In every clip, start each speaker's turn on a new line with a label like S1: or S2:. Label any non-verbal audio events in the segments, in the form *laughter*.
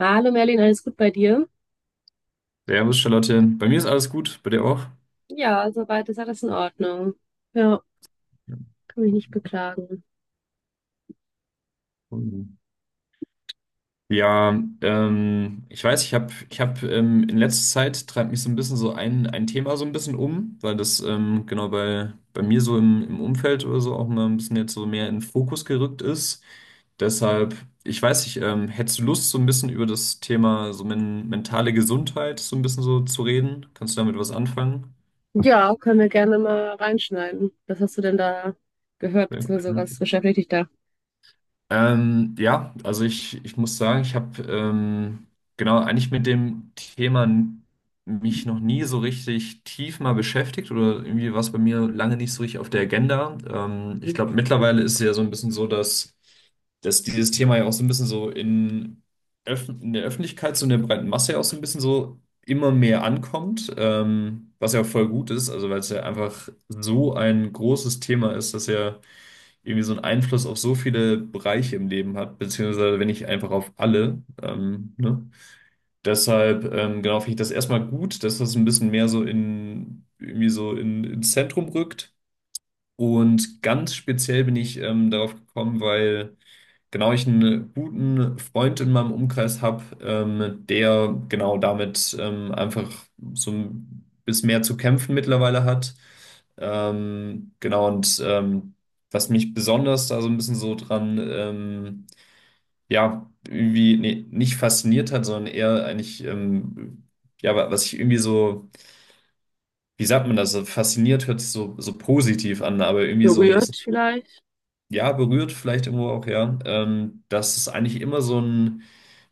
S1: Hallo Merlin, alles gut bei dir?
S2: Servus, Charlotte. Bei mir ist alles gut, bei dir auch?
S1: Ja, soweit ist alles in Ordnung. Ja, kann mich nicht beklagen.
S2: Ja, ich weiß, ich hab in letzter Zeit treibt mich so ein bisschen so ein Thema so ein bisschen um, weil das genau bei mir so im Umfeld oder so auch mal ein bisschen jetzt so mehr in den Fokus gerückt ist. Deshalb, ich weiß nicht, hättest du Lust, so ein bisschen über das Thema so mentale Gesundheit so ein bisschen so zu reden? Kannst du damit was anfangen?
S1: Ja, können wir gerne mal reinschneiden. Was hast du denn da gehört,
S2: Ja.
S1: beziehungsweise was beschäftigt dich da?
S2: Also ich muss sagen, ich habe genau eigentlich mit dem mich noch nie so richtig tief mal beschäftigt oder irgendwie war es bei mir lange nicht so richtig auf der Agenda. Ich
S1: Mhm.
S2: glaube, mittlerweile ist es ja so ein bisschen so, dass dieses Thema ja auch so ein bisschen so in der Öffentlichkeit, so in der breiten Masse ja auch so ein bisschen so immer mehr ankommt, was ja voll gut ist, also weil es ja einfach so ein großes Thema ist, dass ja irgendwie so einen Einfluss auf so viele Bereiche im Leben hat, beziehungsweise wenn nicht einfach auf alle. Ne? Deshalb, genau, finde ich das erstmal gut, dass das ein bisschen mehr so in, irgendwie so in, ins Zentrum rückt. Und ganz speziell bin ich darauf gekommen, weil genau ich einen guten Freund in meinem Umkreis habe, der genau damit einfach so ein bisschen mehr zu kämpfen mittlerweile hat. Ähm, genau, und ähm, was mich besonders da so ein bisschen so dran, ja, irgendwie nee, nicht fasziniert hat, sondern eher eigentlich, ja, was ich irgendwie so, wie sagt man das, so fasziniert hört sich so, so positiv an, aber irgendwie so ein
S1: Berührt
S2: bisschen
S1: vielleicht.
S2: ja, berührt vielleicht irgendwo auch, ja. Dass es eigentlich immer so ein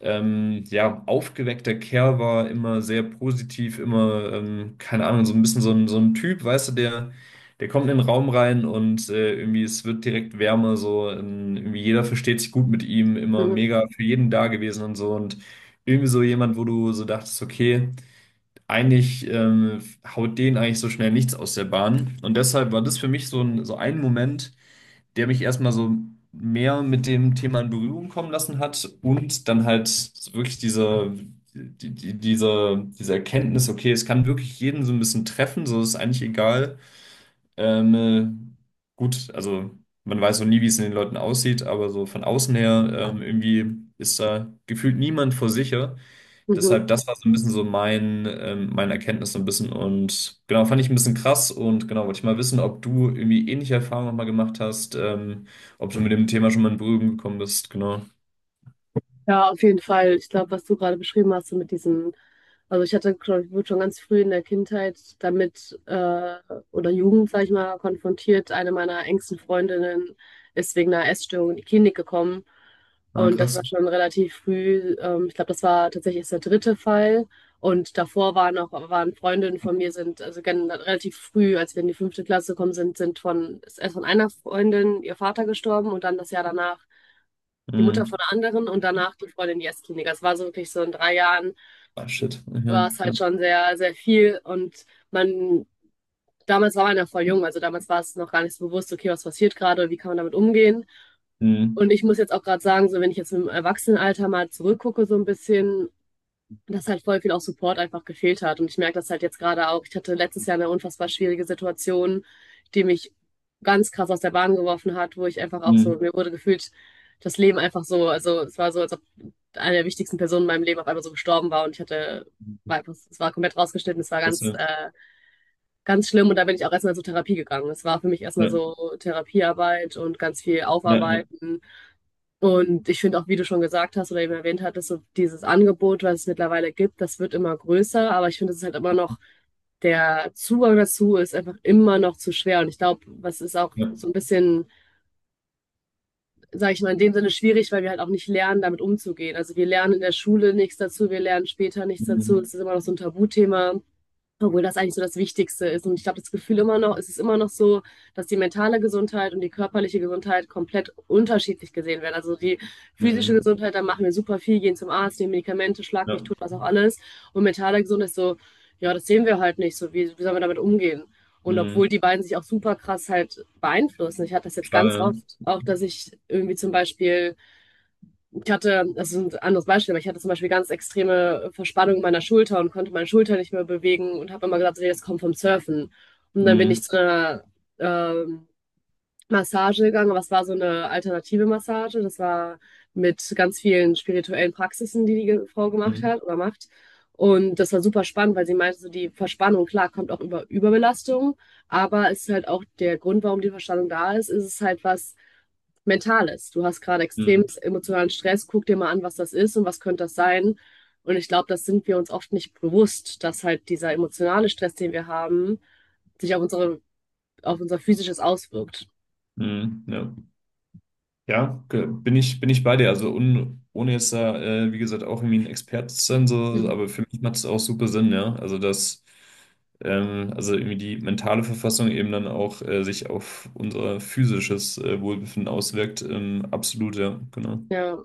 S2: ja, aufgeweckter Kerl war, immer sehr positiv, immer, keine Ahnung, so ein bisschen so so ein Typ, weißt du, der, der kommt in den Raum rein und irgendwie es wird direkt wärmer, so irgendwie jeder versteht sich gut mit ihm, immer
S1: Mhm.
S2: mega für jeden da gewesen und so und irgendwie so jemand, wo du so dachtest, okay, eigentlich haut den eigentlich so schnell nichts aus der Bahn und deshalb war das für mich so ein Moment, der mich erstmal so mehr mit dem Thema in Berührung kommen lassen hat und dann halt wirklich diese, die, die, diese, diese Erkenntnis, okay, es kann wirklich jeden so ein bisschen treffen, so ist eigentlich egal. Ähm, äh, gut, also man weiß so nie, wie es in den Leuten aussieht, aber so von außen her irgendwie ist da gefühlt niemand vor sicher.
S1: Mhm.
S2: Deshalb, das war so ein bisschen so mein, meine Erkenntnis so ein bisschen und genau, fand ich ein bisschen krass und genau, wollte ich mal wissen, ob du irgendwie ähnliche Erfahrungen nochmal gemacht hast, ob du mit dem Thema schon mal in Berührung gekommen bist, genau.
S1: Ja, auf jeden Fall. Ich glaube, was du gerade beschrieben hast, so mit diesem. Also ich hatte, glaube ich, wurde schon ganz früh in der Kindheit damit oder Jugend, sag ich mal, konfrontiert. Eine meiner engsten Freundinnen ist wegen einer Essstörung in die Klinik gekommen.
S2: Ah,
S1: Und das
S2: krass.
S1: war schon relativ früh. Ich glaube, das war tatsächlich erst der dritte Fall. Und davor waren auch waren Freundinnen von mir, sind also relativ früh, als wir in die fünfte Klasse gekommen sind, ist erst von einer Freundin ihr Vater gestorben und dann das Jahr danach die Mutter von
S2: Mhm.
S1: einer anderen und danach die Freundin in die Essklinik. Das war so wirklich so in 3 Jahren
S2: Ah, shit.
S1: war es halt
S2: Mhm.
S1: schon sehr, sehr viel und man, damals war man ja voll jung, also damals war es noch gar nicht so bewusst, okay, was passiert gerade und wie kann man damit umgehen.
S2: Mhm.
S1: Und ich muss jetzt auch gerade sagen, so wenn ich jetzt im Erwachsenenalter mal zurückgucke so ein bisschen, dass halt voll viel auch Support einfach gefehlt hat. Und ich merke das halt jetzt gerade auch. Ich hatte letztes Jahr eine unfassbar schwierige Situation, die mich ganz krass aus der Bahn geworfen hat, wo ich einfach auch so,
S2: Mhm.
S1: mir wurde gefühlt, das Leben einfach so, also es war so, als ob eine der wichtigsten Personen in meinem Leben auf einmal so gestorben war und ich hatte,
S2: Mhm.
S1: war einfach, es war komplett rausgeschnitten, es war
S2: Das,
S1: ganz,
S2: äh,
S1: ganz schlimm und da bin ich auch erstmal zur Therapie gegangen. Es war für mich erstmal
S2: Ja,
S1: so Therapiearbeit und ganz viel
S2: ja, ja,
S1: Aufarbeiten und ich finde auch, wie du schon gesagt hast oder eben erwähnt hattest, so dieses Angebot, was es mittlerweile gibt, das wird immer größer, aber ich finde, es ist halt immer noch, der Zugang dazu ist einfach immer noch zu schwer. Und ich glaube, was ist auch
S2: ja.
S1: so ein bisschen, sage ich mal, in dem Sinne schwierig, weil wir halt auch nicht lernen, damit umzugehen. Also wir lernen in der Schule nichts dazu, wir lernen später nichts dazu.
S2: Mhm.
S1: Es ist immer noch so ein Tabuthema. Obwohl das eigentlich so das Wichtigste ist. Und ich glaube, das Gefühl immer noch, es ist immer noch so, dass die mentale Gesundheit und die körperliche Gesundheit komplett unterschiedlich gesehen werden. Also die physische
S2: Mhm.
S1: Gesundheit, da machen wir super viel, gehen zum Arzt, nehmen Medikamente, schlag
S2: Ja.
S1: mich tot, was auch alles. Und mentale Gesundheit ist so, ja, das sehen wir halt nicht so. Wie sollen wir damit umgehen? Und obwohl
S2: Mhm.
S1: die beiden sich auch super krass halt beeinflussen. Ich hatte das jetzt
S2: Klar,
S1: ganz oft
S2: ja.
S1: auch, dass ich irgendwie zum Beispiel ich hatte, das ist ein anderes Beispiel, aber ich hatte zum Beispiel ganz extreme Verspannung meiner Schulter und konnte meine Schulter nicht mehr bewegen und habe immer gesagt, nee, das kommt vom Surfen. Und dann bin ich
S2: Mhm.
S1: zu einer ähm, Massage gegangen, aber es war so eine alternative Massage. Das war mit ganz vielen spirituellen Praxisen, die die Frau gemacht
S2: Mhm.
S1: hat oder macht. Und das war super spannend, weil sie meinte, so die Verspannung, klar, kommt auch über Überbelastung, aber es ist halt auch der Grund, warum die Verspannung da ist, ist es halt was, Mentales. Du hast gerade extrem
S2: Mhm.
S1: emotionalen Stress. Guck dir mal an, was das ist und was könnte das sein. Und ich glaube, das sind wir uns oft nicht bewusst, dass halt dieser emotionale Stress, den wir haben, sich auf unsere, auf unser Physisches auswirkt.
S2: Mhm. Ja. Ja, bin ich bei dir. Also un, ohne jetzt da, wie gesagt, auch irgendwie ein Experte zu sein, so,
S1: Mhm.
S2: aber für mich macht es auch super Sinn, ja. Also dass also irgendwie die mentale Verfassung eben dann auch sich auf unser physisches Wohlbefinden auswirkt. Absolut, ja, genau.
S1: Ja.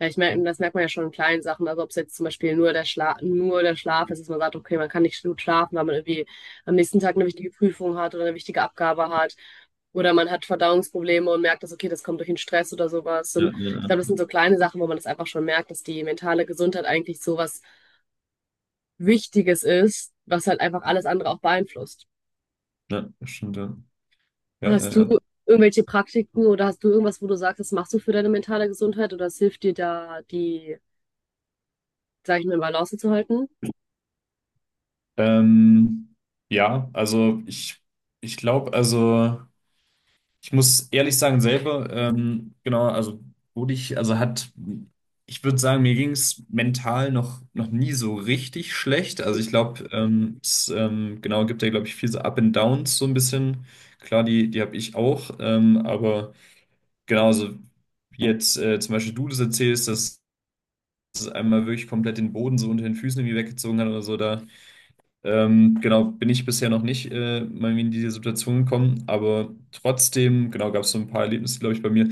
S1: Ja, ich merke, das merkt man ja schon in kleinen Sachen. Also ob es jetzt zum Beispiel nur der Schlaf ist, dass man sagt, okay, man kann nicht gut schlafen, weil man irgendwie am nächsten Tag eine wichtige Prüfung hat oder eine wichtige Abgabe hat. Oder man hat Verdauungsprobleme und merkt, dass, okay, das kommt durch den Stress oder sowas.
S2: Ja,
S1: Und
S2: ja,
S1: ich
S2: ja,
S1: glaube, das sind so kleine Sachen, wo man das einfach schon merkt, dass die mentale Gesundheit eigentlich so was Wichtiges ist, was halt einfach alles andere auch beeinflusst.
S2: ja, das stimmt, ja. Ja,
S1: Hast
S2: ja,
S1: du
S2: ja.
S1: irgendwelche Praktiken oder hast du irgendwas, wo du sagst, das machst du für deine mentale Gesundheit oder es hilft dir da, die, sag ich mal, in Balance zu halten?
S2: Ähm, also ich glaube, also. Ich muss ehrlich sagen, selber, genau, also wurde ich, also hat, ich würde sagen, mir ging es mental noch nie so richtig schlecht. Also ich glaube, es genau gibt ja, glaube ich, viel so Up and Downs so ein bisschen. Klar, die habe ich auch, aber genauso wie jetzt zum Beispiel du das erzählst, dass es einmal wirklich komplett den Boden so unter den Füßen irgendwie weggezogen hat oder so, da genau, bin ich bisher noch nicht mal in diese Situation gekommen, aber trotzdem, genau, gab es so ein paar Erlebnisse, glaube ich, bei mir,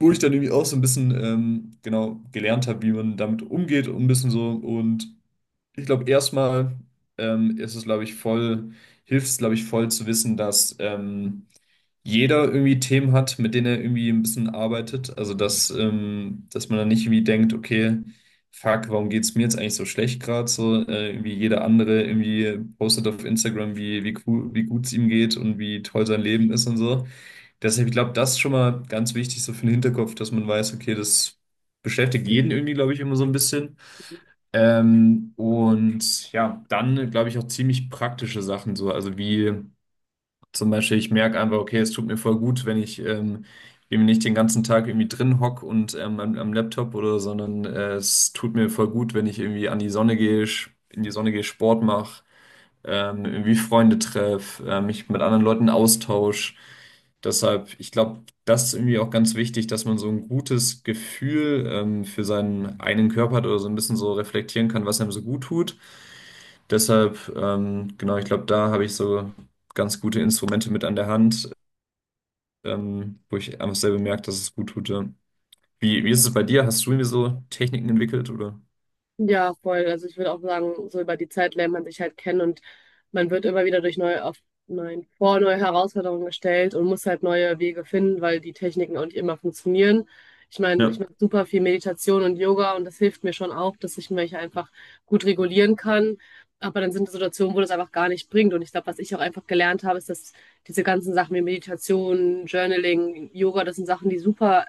S2: wo ich dann irgendwie auch so ein bisschen, genau, gelernt habe, wie man damit umgeht und ein bisschen so und ich glaube, erstmal ist es, glaube ich, voll, hilft es, glaube ich, voll zu wissen, dass jeder irgendwie Themen hat, mit denen er irgendwie ein bisschen arbeitet. Also, dass man dann nicht irgendwie denkt, okay, fuck, warum geht's mir jetzt eigentlich so schlecht gerade? So, irgendwie jeder andere irgendwie postet auf Instagram, wie cool, wie gut es ihm geht und wie toll sein Leben ist und so. Deshalb, ich glaube, das ist schon mal ganz wichtig, so für den Hinterkopf, dass man weiß, okay, das beschäftigt jeden irgendwie, glaube ich, immer so ein bisschen. Und ja, dann glaube ich auch ziemlich praktische Sachen so. Also wie zum Beispiel, ich merke einfach, okay, es tut mir voll gut, wenn ich eben nicht den ganzen Tag irgendwie drin hock und am Laptop oder, sondern es tut mir voll gut, wenn ich irgendwie an die Sonne gehe, in die Sonne gehe, Sport mache, irgendwie Freunde treffe, mich mit anderen Leuten austausche. Deshalb, ich glaube, das ist irgendwie auch ganz wichtig, dass man so ein gutes Gefühl für seinen eigenen Körper hat oder so ein bisschen so reflektieren kann, was einem so gut tut. Deshalb, genau, ich glaube, da habe ich so ganz gute Instrumente mit an der Hand, wo ich einfach selber merke, dass es gut tut. Ja. Wie ist es bei dir? Hast du irgendwie so Techniken entwickelt oder?
S1: Ja, voll. Also ich würde auch sagen, so über die Zeit lernt man sich halt kennen und man wird immer wieder durch neue, auf neuen, vor neue Herausforderungen gestellt und muss halt neue Wege finden, weil die Techniken auch nicht immer funktionieren. Ich meine,
S2: Ja.
S1: ich mache super viel Meditation und Yoga und das hilft mir schon auch, dass ich mich einfach gut regulieren kann. Aber dann sind Situationen, wo das einfach gar nicht bringt. Und ich glaube, was ich auch einfach gelernt habe, ist, dass diese ganzen Sachen wie Meditation, Journaling, Yoga, das sind Sachen, die super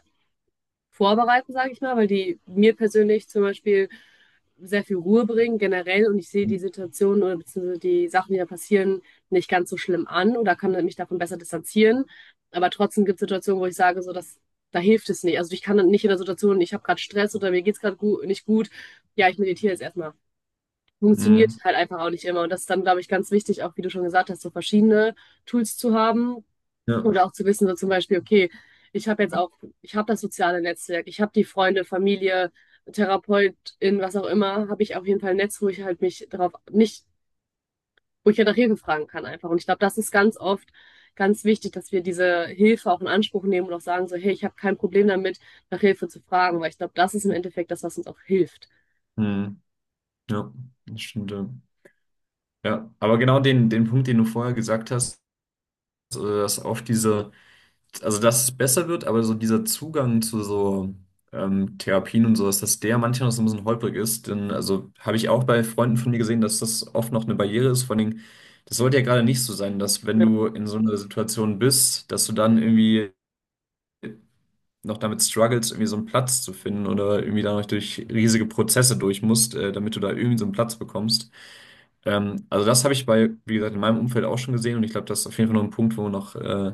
S1: vorbereiten, sage ich mal, weil die mir persönlich zum Beispiel sehr viel Ruhe bringen generell und ich sehe die Situation oder beziehungsweise die Sachen, die da passieren, nicht ganz so schlimm an oder kann mich davon besser distanzieren. Aber trotzdem gibt es Situationen, wo ich sage, so dass da hilft es nicht. Also ich kann dann nicht in der Situation, ich habe gerade Stress oder mir geht's gerade gut, nicht gut. Ja, ich meditiere jetzt erstmal. Funktioniert
S2: Mhm.
S1: halt einfach auch nicht immer. Und das ist dann, glaube ich, ganz wichtig, auch wie du schon gesagt hast, so verschiedene Tools zu haben,
S2: Ja.
S1: und auch zu wissen, so zum Beispiel, okay, ich habe jetzt auch, ich habe das soziale Netzwerk, ich habe die Freunde, Familie, Therapeutin, was auch immer, habe ich auf jeden Fall ein Netz, wo ich halt mich darauf nicht, wo ich ja nach Hilfe fragen kann einfach. Und ich glaube, das ist ganz oft ganz wichtig, dass wir diese Hilfe auch in Anspruch nehmen und auch sagen so, hey, ich habe kein Problem damit, nach Hilfe zu fragen, weil ich glaube, das ist im Endeffekt das, was uns auch hilft.
S2: Mhm. Ja. Das stimmt. Ja. Ja, aber genau den Punkt, den du vorher gesagt hast, dass oft diese, also dass es besser wird, aber so dieser Zugang zu so Therapien und sowas, dass der manchmal noch so ein bisschen holprig ist. Denn also habe ich auch bei Freunden von mir gesehen, dass das oft noch eine Barriere ist. Vor allen Dingen, das sollte ja gerade nicht so sein, dass wenn du in so einer Situation bist, dass du dann irgendwie noch damit struggles, irgendwie so einen Platz zu finden oder irgendwie da noch durch riesige Prozesse durch musst, damit du da irgendwie so einen Platz bekommst. Also das habe ich bei, wie gesagt, in meinem Umfeld auch schon gesehen und ich glaube, das ist auf jeden Fall noch ein Punkt, wo man noch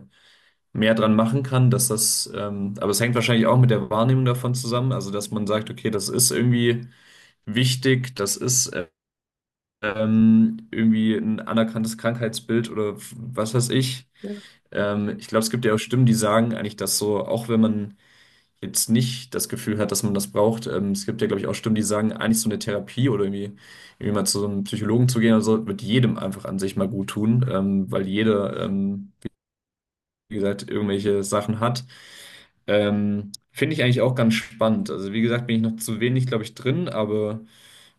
S2: mehr dran machen kann, aber es hängt wahrscheinlich auch mit der Wahrnehmung davon zusammen, also dass man sagt, okay, das ist irgendwie wichtig, das ist irgendwie ein anerkanntes Krankheitsbild oder was weiß ich.
S1: Ja.
S2: Ich glaube, es gibt ja auch Stimmen, die sagen eigentlich, dass so, auch wenn man jetzt nicht das Gefühl hat, dass man das braucht. Es gibt ja, glaube ich, auch Stimmen, die sagen, eigentlich so eine Therapie oder irgendwie mal zu so einem Psychologen zu gehen, also wird jedem einfach an sich mal gut tun, weil jeder, wie gesagt, irgendwelche Sachen hat. Finde ich eigentlich auch ganz spannend. Also wie gesagt, bin ich noch zu wenig, glaube ich, drin, aber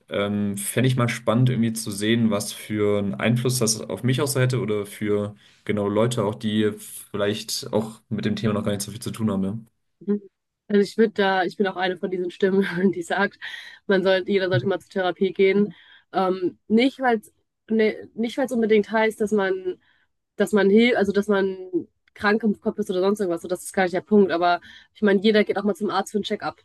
S2: fände ich mal spannend, irgendwie zu sehen, was für einen Einfluss das auf mich auch so hätte oder für genau Leute auch, die vielleicht auch mit dem Thema noch gar nicht so viel zu tun haben. Ja.
S1: Mhm. Also ich würde da, ich bin auch eine von diesen Stimmen, *laughs* die sagt, man sollte, jeder sollte mal zur Therapie gehen. Nicht, weil es ne, nicht, weil es unbedingt heißt, dass man hilft, also dass man krank im Kopf ist oder sonst irgendwas. So, das ist gar nicht der Punkt. Aber ich meine, jeder geht auch mal zum Arzt für ein Check-up.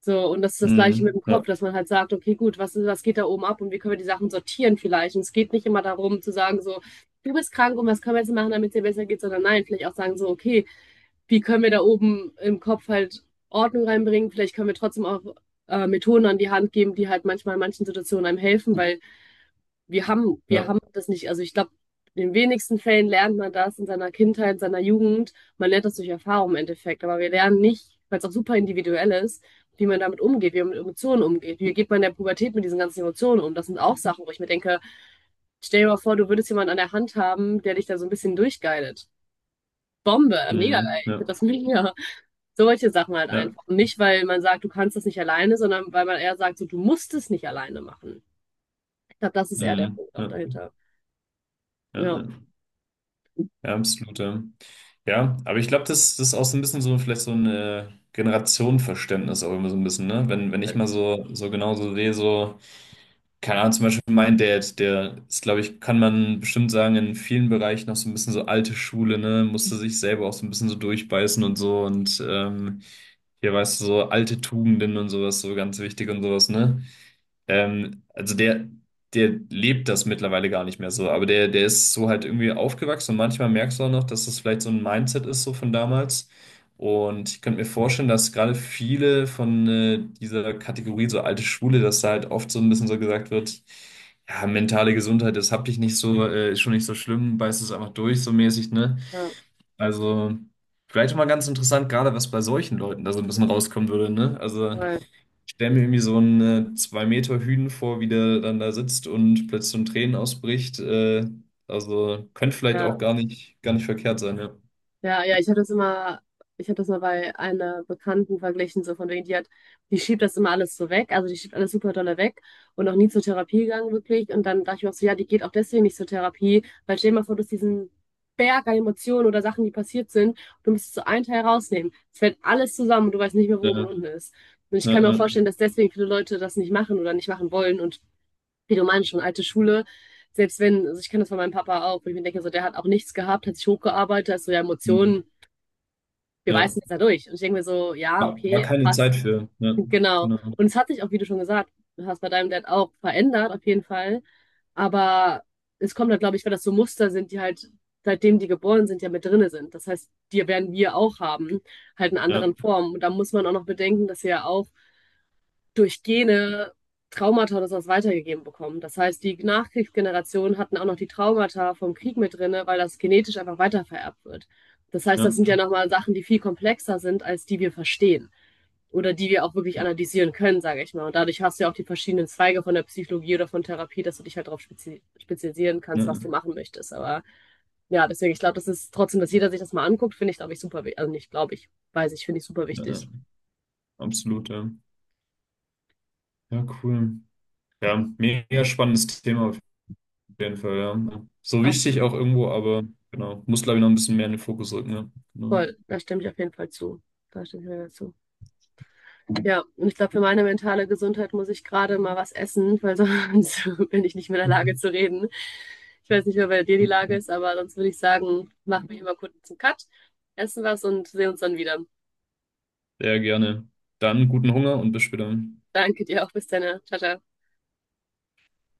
S1: So, und das ist das Gleiche mit
S2: Mhm.
S1: dem Kopf,
S2: Ja,
S1: dass man halt sagt, okay, gut, was geht da oben ab und wie können wir die Sachen sortieren vielleicht? Und es geht nicht immer darum zu sagen, so, du bist krank und was können wir jetzt machen, damit es dir besser geht, sondern nein, vielleicht auch sagen so, okay, wie können wir da oben im Kopf halt Ordnung reinbringen. Vielleicht können wir trotzdem auch Methoden an die Hand geben, die halt manchmal in manchen Situationen einem helfen, weil wir haben, wir
S2: ja.
S1: haben das nicht. Also ich glaube, in den wenigsten Fällen lernt man das in seiner Kindheit, in seiner Jugend. Man lernt das durch Erfahrung im Endeffekt, aber wir lernen nicht, weil es auch super individuell ist, wie man damit umgeht, wie man mit Emotionen umgeht. Wie geht man in der Pubertät mit diesen ganzen Emotionen um? Das sind auch Sachen, wo ich mir denke, stell dir mal vor, du würdest jemanden an der Hand haben, der dich da so ein bisschen durchgeilt. Bombe, mega geil.
S2: Mhm.
S1: Ich finde
S2: Ja,
S1: das mega. Solche Sachen halt
S2: ja,
S1: einfach, nicht, weil man sagt, du kannst das nicht alleine, sondern weil man eher sagt, so, du musst es nicht alleine machen. Ich glaube, das ist eher der
S2: mhm.
S1: Punkt auch
S2: Ja,
S1: dahinter.
S2: ja,
S1: Ja.
S2: ja, ja, absolut. Ja, ja, aber ich glaube, das ist auch so ein bisschen so, vielleicht so ein Generationenverständnis auch immer so ein bisschen, ne? Wenn ich mal so, so genau so sehe, so, keine Ahnung, zum Beispiel mein Dad, der ist, glaube ich, kann man bestimmt sagen, in vielen Bereichen noch so ein bisschen so alte Schule, ne? Musste sich selber auch so ein bisschen so durchbeißen und so und hier weißt du, so alte Tugenden und sowas, so ganz wichtig und sowas, ne? Also der lebt das mittlerweile gar nicht mehr so, aber der ist so halt irgendwie aufgewachsen und manchmal merkst du auch noch, dass das vielleicht so ein Mindset ist, so von damals. Und ich könnte mir vorstellen, dass gerade viele von dieser Kategorie, so alte Schwule, dass da halt oft so ein bisschen so gesagt wird, ja, mentale Gesundheit, das hab ich nicht so, ist schon nicht so schlimm, beißt es einfach durch, so mäßig, ne?
S1: Ja.
S2: Also, vielleicht mal ganz interessant, gerade was bei solchen Leuten da so ein bisschen rauskommen würde, ne? Also.
S1: Voll.
S2: Ich stelle mir irgendwie so einen 2 Meter Hünen vor, wie der dann da sitzt und plötzlich so in Tränen ausbricht. Also könnte vielleicht auch
S1: Ja.
S2: gar nicht verkehrt sein, ja.
S1: Ja, ja, ich habe das mal bei einer Bekannten verglichen, so von wegen, die schiebt das immer alles so weg, also die schiebt alles super dolle weg und noch nie zur Therapie gegangen, wirklich. Und dann dachte ich mir auch so, ja, die geht auch deswegen nicht zur Therapie, weil stell dir mal vor, du hast diesen Berg an Emotionen oder Sachen, die passiert sind, und du musst so einen Teil rausnehmen. Es fällt alles zusammen und du weißt nicht mehr, wo oben und
S2: Ja,
S1: unten ist. Und ich
S2: ja,
S1: kann mir auch
S2: ja.
S1: vorstellen, dass deswegen viele Leute das nicht machen oder nicht machen wollen und wie du meinst, schon alte Schule. Selbst wenn, also ich kenne das von meinem Papa auch, wo ich mir denke, so der hat auch nichts gehabt, hat sich hochgearbeitet, also ja,
S2: Mhm.
S1: Emotionen wir
S2: Ja.
S1: beißen jetzt da durch. Und ich denke mir so, ja,
S2: War, war
S1: okay,
S2: keine
S1: passt.
S2: Zeit für. Ja,
S1: Genau.
S2: genau.
S1: Und es hat sich auch, wie du schon gesagt hast, bei deinem Dad auch verändert, auf jeden Fall. Aber es kommt halt, glaube ich, weil das so Muster sind, die halt, seitdem die geboren sind, ja mit drinne sind. Das heißt, die werden wir auch haben, halt in
S2: Ja,
S1: anderen Formen. Und da muss man auch noch bedenken, dass wir ja auch durch Gene Traumata oder sowas weitergegeben bekommen. Das heißt, die Nachkriegsgenerationen hatten auch noch die Traumata vom Krieg mit drinne, weil das genetisch einfach weitervererbt wird. Das heißt,
S2: ja,
S1: das sind ja nochmal Sachen, die viel komplexer sind, als die wir verstehen oder die wir auch wirklich
S2: ja,
S1: analysieren können, sage ich mal. Und dadurch hast du ja auch die verschiedenen Zweige von der Psychologie oder von Therapie, dass du dich halt darauf spezialisieren kannst, was
S2: ja,
S1: du machen möchtest. Aber ja, deswegen, ich glaube, das ist trotzdem, dass jeder sich das mal anguckt, finde ich, glaube ich, super wichtig. Also nicht, glaube ich, weiß ich, finde ich super
S2: ja, ja,
S1: wichtig.
S2: absolut, ja. Ja, cool. Ja, mega spannendes Thema auf jeden Fall, ja. So wichtig auch
S1: Absolut.
S2: irgendwo, aber genau, muss glaube ich noch ein bisschen mehr in den Fokus rücken, ja. Genau.
S1: Voll, da stimme ich auf jeden Fall zu. Da stimme ich mir dazu. Ja, und ich glaube, für meine mentale Gesundheit muss ich gerade mal was essen, weil sonst *laughs* bin ich nicht mehr in der Lage zu reden. Ich weiß nicht mehr, bei dir die Lage
S2: *laughs*
S1: ist, aber sonst würde ich sagen, machen wir hier mal kurz einen Cut, essen was und sehen uns dann wieder.
S2: Sehr gerne. Dann guten Hunger und bis später.
S1: Danke dir auch. Bis dann. Ciao, ciao.